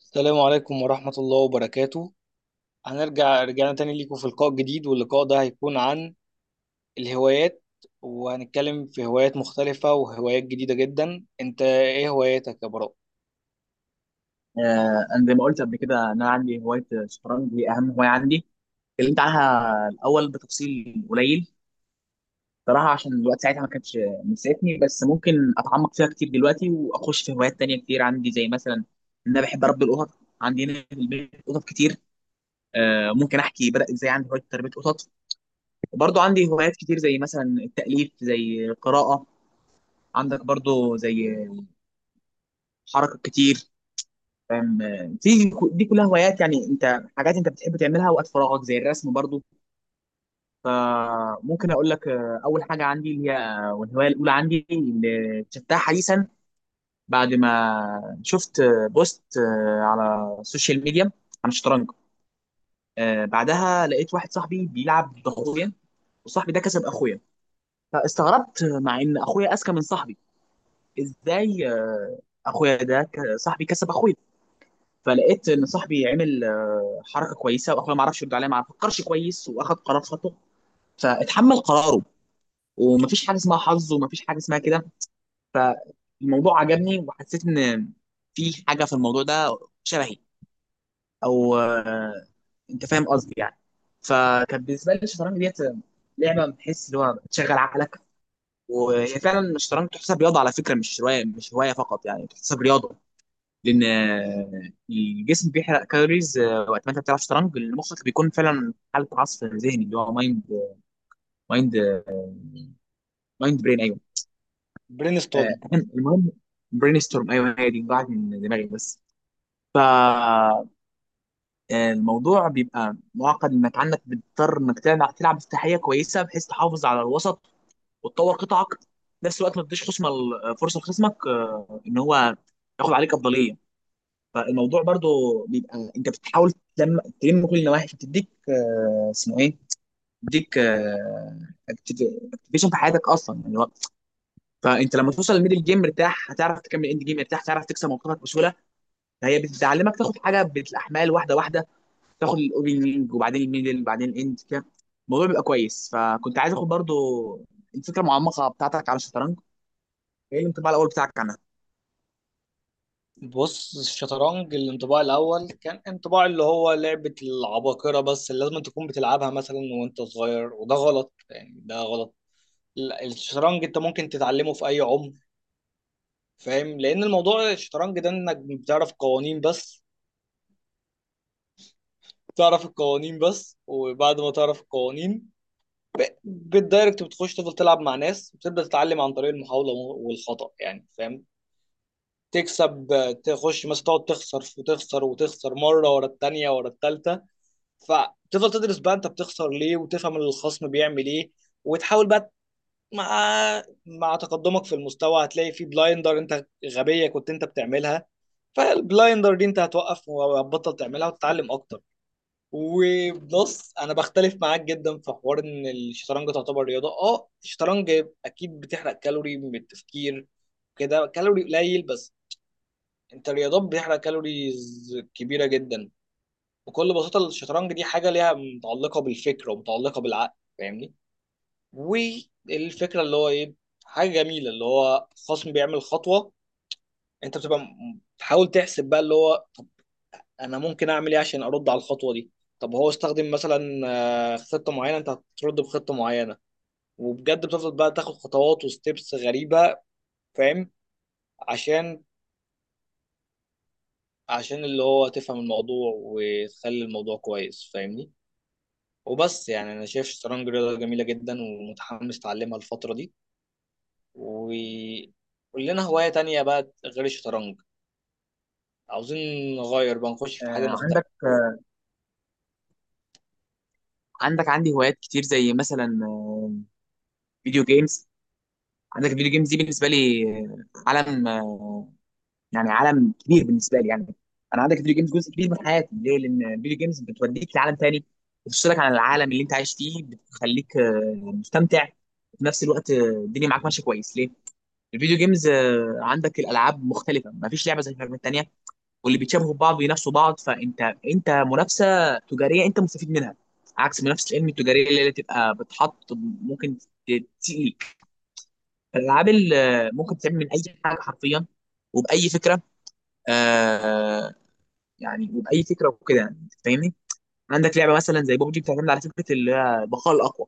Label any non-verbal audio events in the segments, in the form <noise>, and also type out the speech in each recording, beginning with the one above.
السلام عليكم ورحمة الله وبركاته. رجعنا تاني ليكم في لقاء جديد، واللقاء ده هيكون عن الهوايات. وهنتكلم في هوايات مختلفة وهوايات جديدة جدا. انت ايه هواياتك يا براء؟ انا زي ما قلت قبل كده ان انا عندي هوايه الشطرنج دي اهم هوايه عندي. اتكلمت عنها الاول بتفصيل قليل. صراحه عشان الوقت ساعتها ما كانش مساعدني، بس ممكن اتعمق فيها كتير دلوقتي واخش في هوايات تانية كتير عندي، زي مثلا ان انا بحب اربي القطط. عندي هنا في البيت قطط كتير. ممكن احكي بدا ازاي عندي هوايه تربيه قطط. وبرضه عندي هوايات كتير زي مثلا التاليف، زي القراءه. عندك برضه زي حركه كتير، فاهم. في دي كلها هوايات، يعني انت حاجات انت بتحب تعملها وقت فراغك زي الرسم برضو. فممكن اقول لك، اول حاجه عندي اللي هي، والهوايه الاولى عندي اللي اكتشفتها حديثا، بعد ما شفت بوست، على السوشيال ميديا عن الشطرنج. بعدها لقيت واحد صاحبي بيلعب ضغطية، وصاحبي ده كسب اخويا. فاستغربت، مع ان اخويا اذكى من صاحبي، ازاي اخويا ده صاحبي كسب اخويا. فلقيت ان صاحبي عمل حركه كويسه، واخويا ما عرفش يرد عليا، ما فكرش كويس واخد قرار خطأ فاتحمل قراره. ومفيش حاجه اسمها حظ، ومفيش حاجه اسمها كده. فالموضوع عجبني، وحسيت ان في حاجه في الموضوع ده شبهي، او انت فاهم قصدي يعني. فكان بالنسبه لي الشطرنج ديت لعبه بتحس اللي هو بتشغل عقلك. وهي فعلا الشطرنج تحسب رياضه على فكره، مش هوايه، فقط يعني، تحسب رياضه. لان الجسم بيحرق كالوريز وقت ما انت بتلعب شطرنج. المخ بيكون فعلا في حاله عصف ذهني، اللي هو مايند، مايند برين، ايوه. برين ستورم. المهم برين ستورم، ايوه، هي دي ضاعت من دماغي بس. فالموضوع بيبقى معقد، انك عندك بتضطر انك تلعب افتتاحيه كويسه، بحيث تحافظ على الوسط، وتطور قطعك في نفس الوقت، ما تديش خصمك فرصه. لخصمك ان هو ياخد عليك افضليه. فالموضوع برضو بيبقى انت بتحاول تلم كل النواحي، عشان تديك، اسمه ايه، تديك اكتيفيشن في حياتك اصلا، يعني فانت لما توصل للميدل جيم مرتاح، هتعرف تكمل اند جيم مرتاح، تعرف تكسب موقفك بسهوله. فهي بتعلمك تاخد حاجه بالاحمال واحده واحده، تاخد الاوبننج، وبعدين الميدل، وبعدين الاند كده. الموضوع بيبقى كويس. فكنت عايز اخد برضو الفكره المعمقه بتاعتك على الشطرنج، ايه الانطباع الاول بتاعك عنها؟ بص الشطرنج، الانطباع الأول كان انطباع اللي هو لعبة العباقرة، بس اللي لازم تكون بتلعبها مثلا وانت صغير، وده غلط يعني، ده غلط. لا، الشطرنج انت ممكن تتعلمه في أي عمر. فاهم، لأن الموضوع الشطرنج ده انك بتعرف قوانين بس. تعرف القوانين بس، وبعد ما تعرف القوانين بالدايركت بتخش تفضل تلعب مع ناس وتبدأ تتعلم عن طريق المحاولة والخطأ يعني، فاهم. تكسب، تخش مثلا تقعد تخسر وتخسر وتخسر مرة ورا التانية ورا التالتة. فتفضل تدرس بقى انت بتخسر ليه، وتفهم الخصم بيعمل ايه، وتحاول بقى مع تقدمك في المستوى هتلاقي في بلايندر انت غبية كنت انت بتعملها. فالبلايندر دي انت هتوقف وهتبطل تعملها وتتعلم اكتر. وبص انا بختلف معاك جدا في حوار ان الشطرنج تعتبر رياضه. اه الشطرنج اكيد بتحرق كالوري من التفكير، كده كالوري قليل بس. انت الرياضات بتحرق كالوريز كبيره جدا. بكل بساطه الشطرنج دي حاجه ليها متعلقه بالفكر ومتعلقه بالعقل، فاهمني. والفكره اللي هو ايه، حاجه جميله اللي هو خصم بيعمل خطوه، انت بتبقى تحاول تحسب بقى اللي هو انا ممكن اعمل ايه عشان ارد على الخطوه دي. طب هو استخدم مثلا خطه معينه، انت هترد بخطه معينه. وبجد بتفضل بقى تاخد خطوات وستبس غريبه، فاهم، عشان اللي هو تفهم الموضوع وتخلي الموضوع كويس، فاهمني. وبس يعني انا شايف الشطرنج رياضه جميله جدا ومتحمس اتعلمها الفتره دي. وقول لنا هوايه تانية بقى غير الشطرنج، عاوزين نغير بقى نخش آه، في حاجه عندك مختلفه. عندك عندي هوايات كتير، زي مثلا فيديو جيمز. عندك الفيديو جيمز دي بالنسبه لي عالم، يعني عالم كبير بالنسبه لي يعني. انا عندك الفيديو جيمز جزء كبير من حياتي. ليه؟ لان الفيديو جيمز بتوديك لعالم تاني، بتفصلك عن العالم اللي انت عايش فيه، بتخليك مستمتع في نفس الوقت. الدنيا معاك ماشيه كويس. ليه؟ الفيديو جيمز عندك الالعاب مختلفه، ما فيش لعبه زي من التانيه، واللي بيتشابهوا ببعض بينافسوا بعض. فانت منافسه تجاريه انت مستفيد منها، عكس منافسه العلم التجاريه اللي هي تبقى بتحط. ممكن الالعاب اللي ممكن تتعمل من اي حاجه حرفيا، وباي فكره، آه يعني، وباي فكره وكده يعني، أنت فاهمني. عندك لعبه مثلا زي بوبجي بتعتمد على فكره اللي هي البقاء الاقوى،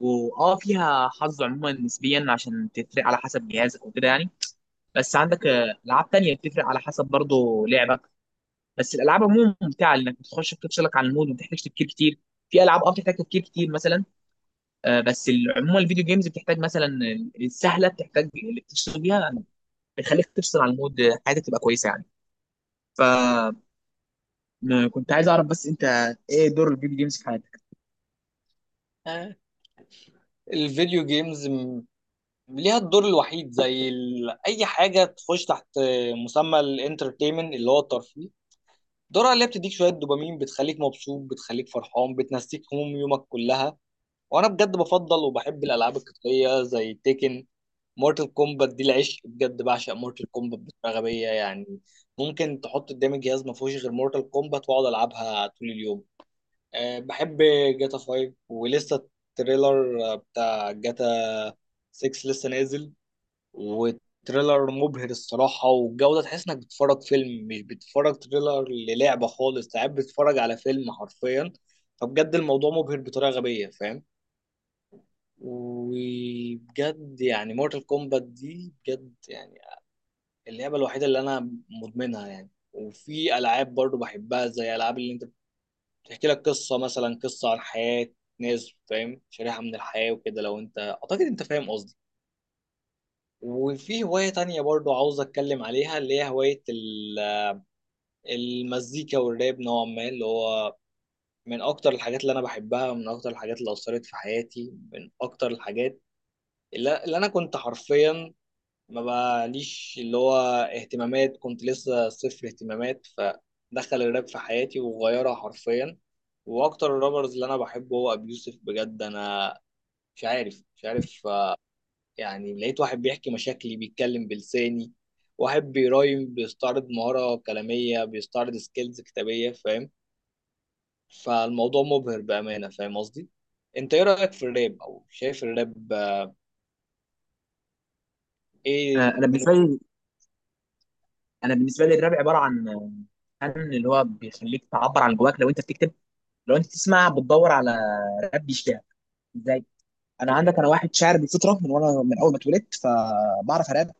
واه فيها حظ عموما نسبيا، عشان تفرق على حسب جهازك وكده يعني. بس عندك العاب تانية بتفرق على حسب برضه لعبك. بس الالعاب عموما ممتعه، لانك بتخش بتفصلك عن المود، وما بتحتاجش تفكير كتير. في العاب اه بتحتاج تفكير كتير مثلا، عموما الفيديو جيمز بتحتاج مثلا، السهله بتحتاج اللي بتشتغل بيها، بتخليك تفصل عن المود، حياتك تبقى كويسه يعني. فكنت عايز اعرف بس، انت ايه دور الفيديو جيمز في حياتك؟ آه، الفيديو جيمز ليها الدور الوحيد، زي ال... اي حاجه تخش تحت مسمى الانترتينمنت اللي هو الترفيه. دورها اللي هي بتديك شويه دوبامين، بتخليك مبسوط، بتخليك فرحان، بتنسيك هموم يومك كلها. وانا بجد بفضل وبحب الالعاب القتاليه زي تيكن، مورتال كومبات. دي العشق بجد، بعشق مورتال كومبات بطريقه غبيه يعني. ممكن تحط قدامي جهاز ما فيهوش غير مورتال كومبات واقعد العبها طول اليوم. أه بحب جاتا 5، ولسه التريلر بتاع جاتا 6 لسه نازل، وتريلر مبهر الصراحة، والجودة تحس انك بتتفرج فيلم، مش بتتفرج تريلر للعبة خالص، ساعات بتتفرج على فيلم حرفيا. فبجد الموضوع مبهر بطريقة غبية، فاهم. وبجد يعني مورتال كومبات دي بجد يعني اللعبة الوحيدة اللي انا مدمنها يعني. وفي العاب برضو بحبها زي العاب اللي انت بتحكي لك قصة، مثلا قصة عن حياة ناس، فاهم، شريحة من الحياة وكده. لو انت اعتقد انت فاهم قصدي. وفي هواية تانية برضو عاوز أتكلم عليها، اللي هي هواية المزيكا والراب نوعا ما، اللي هو من أكتر الحاجات اللي أنا بحبها، من أكتر الحاجات اللي أثرت في حياتي، من أكتر الحاجات اللي أنا كنت حرفيا ما بقاليش اللي هو اهتمامات، كنت لسه صفر اهتمامات، فدخل الراب في حياتي وغيرها حرفيا. وأكتر الرابرز اللي أنا بحبه هو أبي يوسف، بجد أنا مش عارف. يعني لقيت واحد بيحكي مشاكلي، بيتكلم بلساني، واحد بيرايم، بيستعرض مهارة كلامية، بيستعرض سكيلز كتابية، فاهم. فالموضوع مبهر بأمانة، فاهم قصدي. انت ايه رأيك في الراب، او شايف الراب آه، ايه انا من... بالنسبه لي انا بالنسبه لي الراب عباره عن، عن اللي هو بيخليك تعبر عن جواك لو انت بتكتب. لو انت تسمع بتدور على راب بيشتغل ازاي. انا عندك انا واحد شاعر بالفطره، من وانا من اول ما اتولدت فبعرف اراب.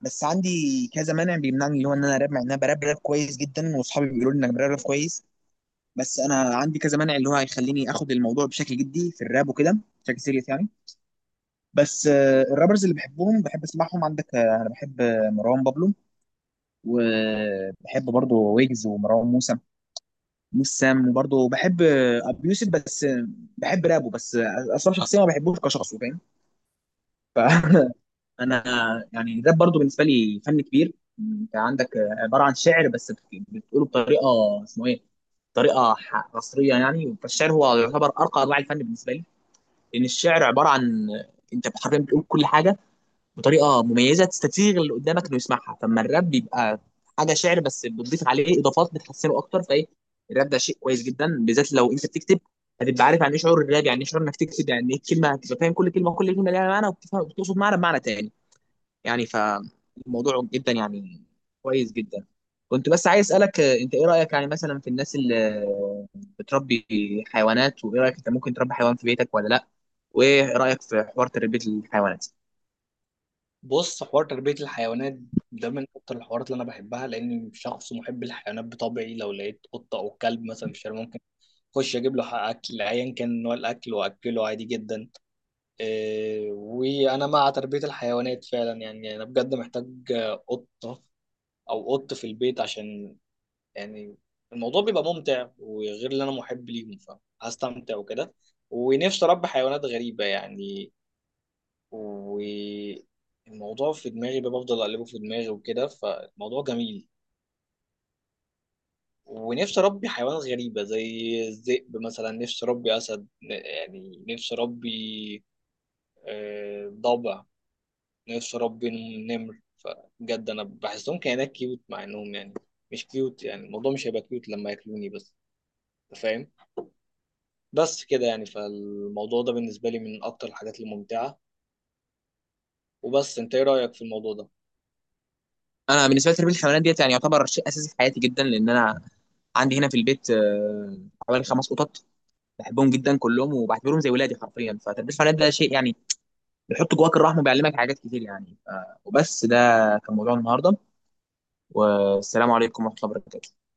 بس عندي كذا مانع بيمنعني، اللي هو ان انا اراب، مع ان انا براب كويس جدا، واصحابي بيقولوا لي انك براب كويس. بس انا عندي كذا مانع اللي هو هيخليني اخد الموضوع بشكل جدي في الراب وكده، بشكل سيريس يعني. بس الرابرز اللي بحبهم بحب اسمعهم، عندك انا بحب مروان بابلو، وبحب برضه ويجز ومروان موسى موسام، وبرضه بحب ابي يوسف. بس بحب رابه بس، اصلا شخصيا ما بحبوش كشخص فاهم. فانا <laughs> يعني الراب برضه بالنسبه لي فن كبير. انت عندك عباره عن شعر، بس بتقوله بطريقه، اسمه ايه، طريقه عصريه يعني. فالشعر هو يعتبر ارقى انواع الفن بالنسبه لي، لان الشعر عباره عن، انت حرفيا بتقول كل حاجه بطريقه مميزه، تستسيغ اللي قدامك انه يسمعها. فاما الراب بيبقى حاجه شعر، بس بتضيف عليه اضافات بتحسنه اكتر. فايه الراب ده شيء كويس جدا، بالذات لو انت بتكتب، هتبقى عارف يعني ايه شعور الراب، يعني ايه شعور انك تكتب، يعني ايه الكلمه، هتبقى فاهم كل كلمه، وكل كلمه ليها معنى، وبتفهم وبتقصد معنى بمعنى تاني يعني. فالموضوع جدا يعني كويس جدا. كنت بس عايز اسالك، انت ايه رايك يعني مثلا في الناس اللي بتربي حيوانات؟ وايه رايك، انت ممكن تربي حيوان في بيتك ولا لا؟ وايه رايك في حوار تربيه الحيوانات؟ بص حوار تربية الحيوانات ده من اكتر الحوارات اللي انا بحبها، لاني شخص محب للحيوانات بطبعي. لو لقيت قطة او كلب مثلا في الشارع، ممكن اخش اجيب له حق اكل ايا كان نوع الاكل واكله عادي جدا. إيه، وانا مع تربيه الحيوانات فعلا يعني. انا بجد محتاج قطه او قط في البيت عشان يعني الموضوع بيبقى ممتع، وغير اللي انا محب ليهم فهستمتع وكده. ونفسي اربي حيوانات غريبه يعني، والموضوع في دماغي بقى بفضل اقلبه في دماغي وكده، فالموضوع جميل. ونفسي اربي حيوانات غريبه زي الذئب مثلا، نفسي اربي اسد، يعني نفسي اربي ضبع، نفسي اربي نمر. فبجد انا بحسهم كائنات كيوت، مع انهم يعني مش كيوت، يعني الموضوع مش هيبقى كيوت لما ياكلوني بس، انت فاهم. بس كده يعني، فالموضوع ده بالنسبه لي من اكتر الحاجات الممتعه. وبس انت ايه رايك في الموضوع ده؟ انا بالنسبه لي تربيه الحيوانات ديت يعني يعتبر شيء اساسي في حياتي جدا، لان انا عندي هنا في البيت حوالي 5 قطط، بحبهم جدا كلهم، وبعتبرهم زي ولادي حرفيا. فتربيه الحيوانات ده شيء يعني بيحط جواك الرحمه، وبيعلمك حاجات كتير يعني. وبس ده كان موضوع النهارده. والسلام عليكم ورحمه الله وبركاته.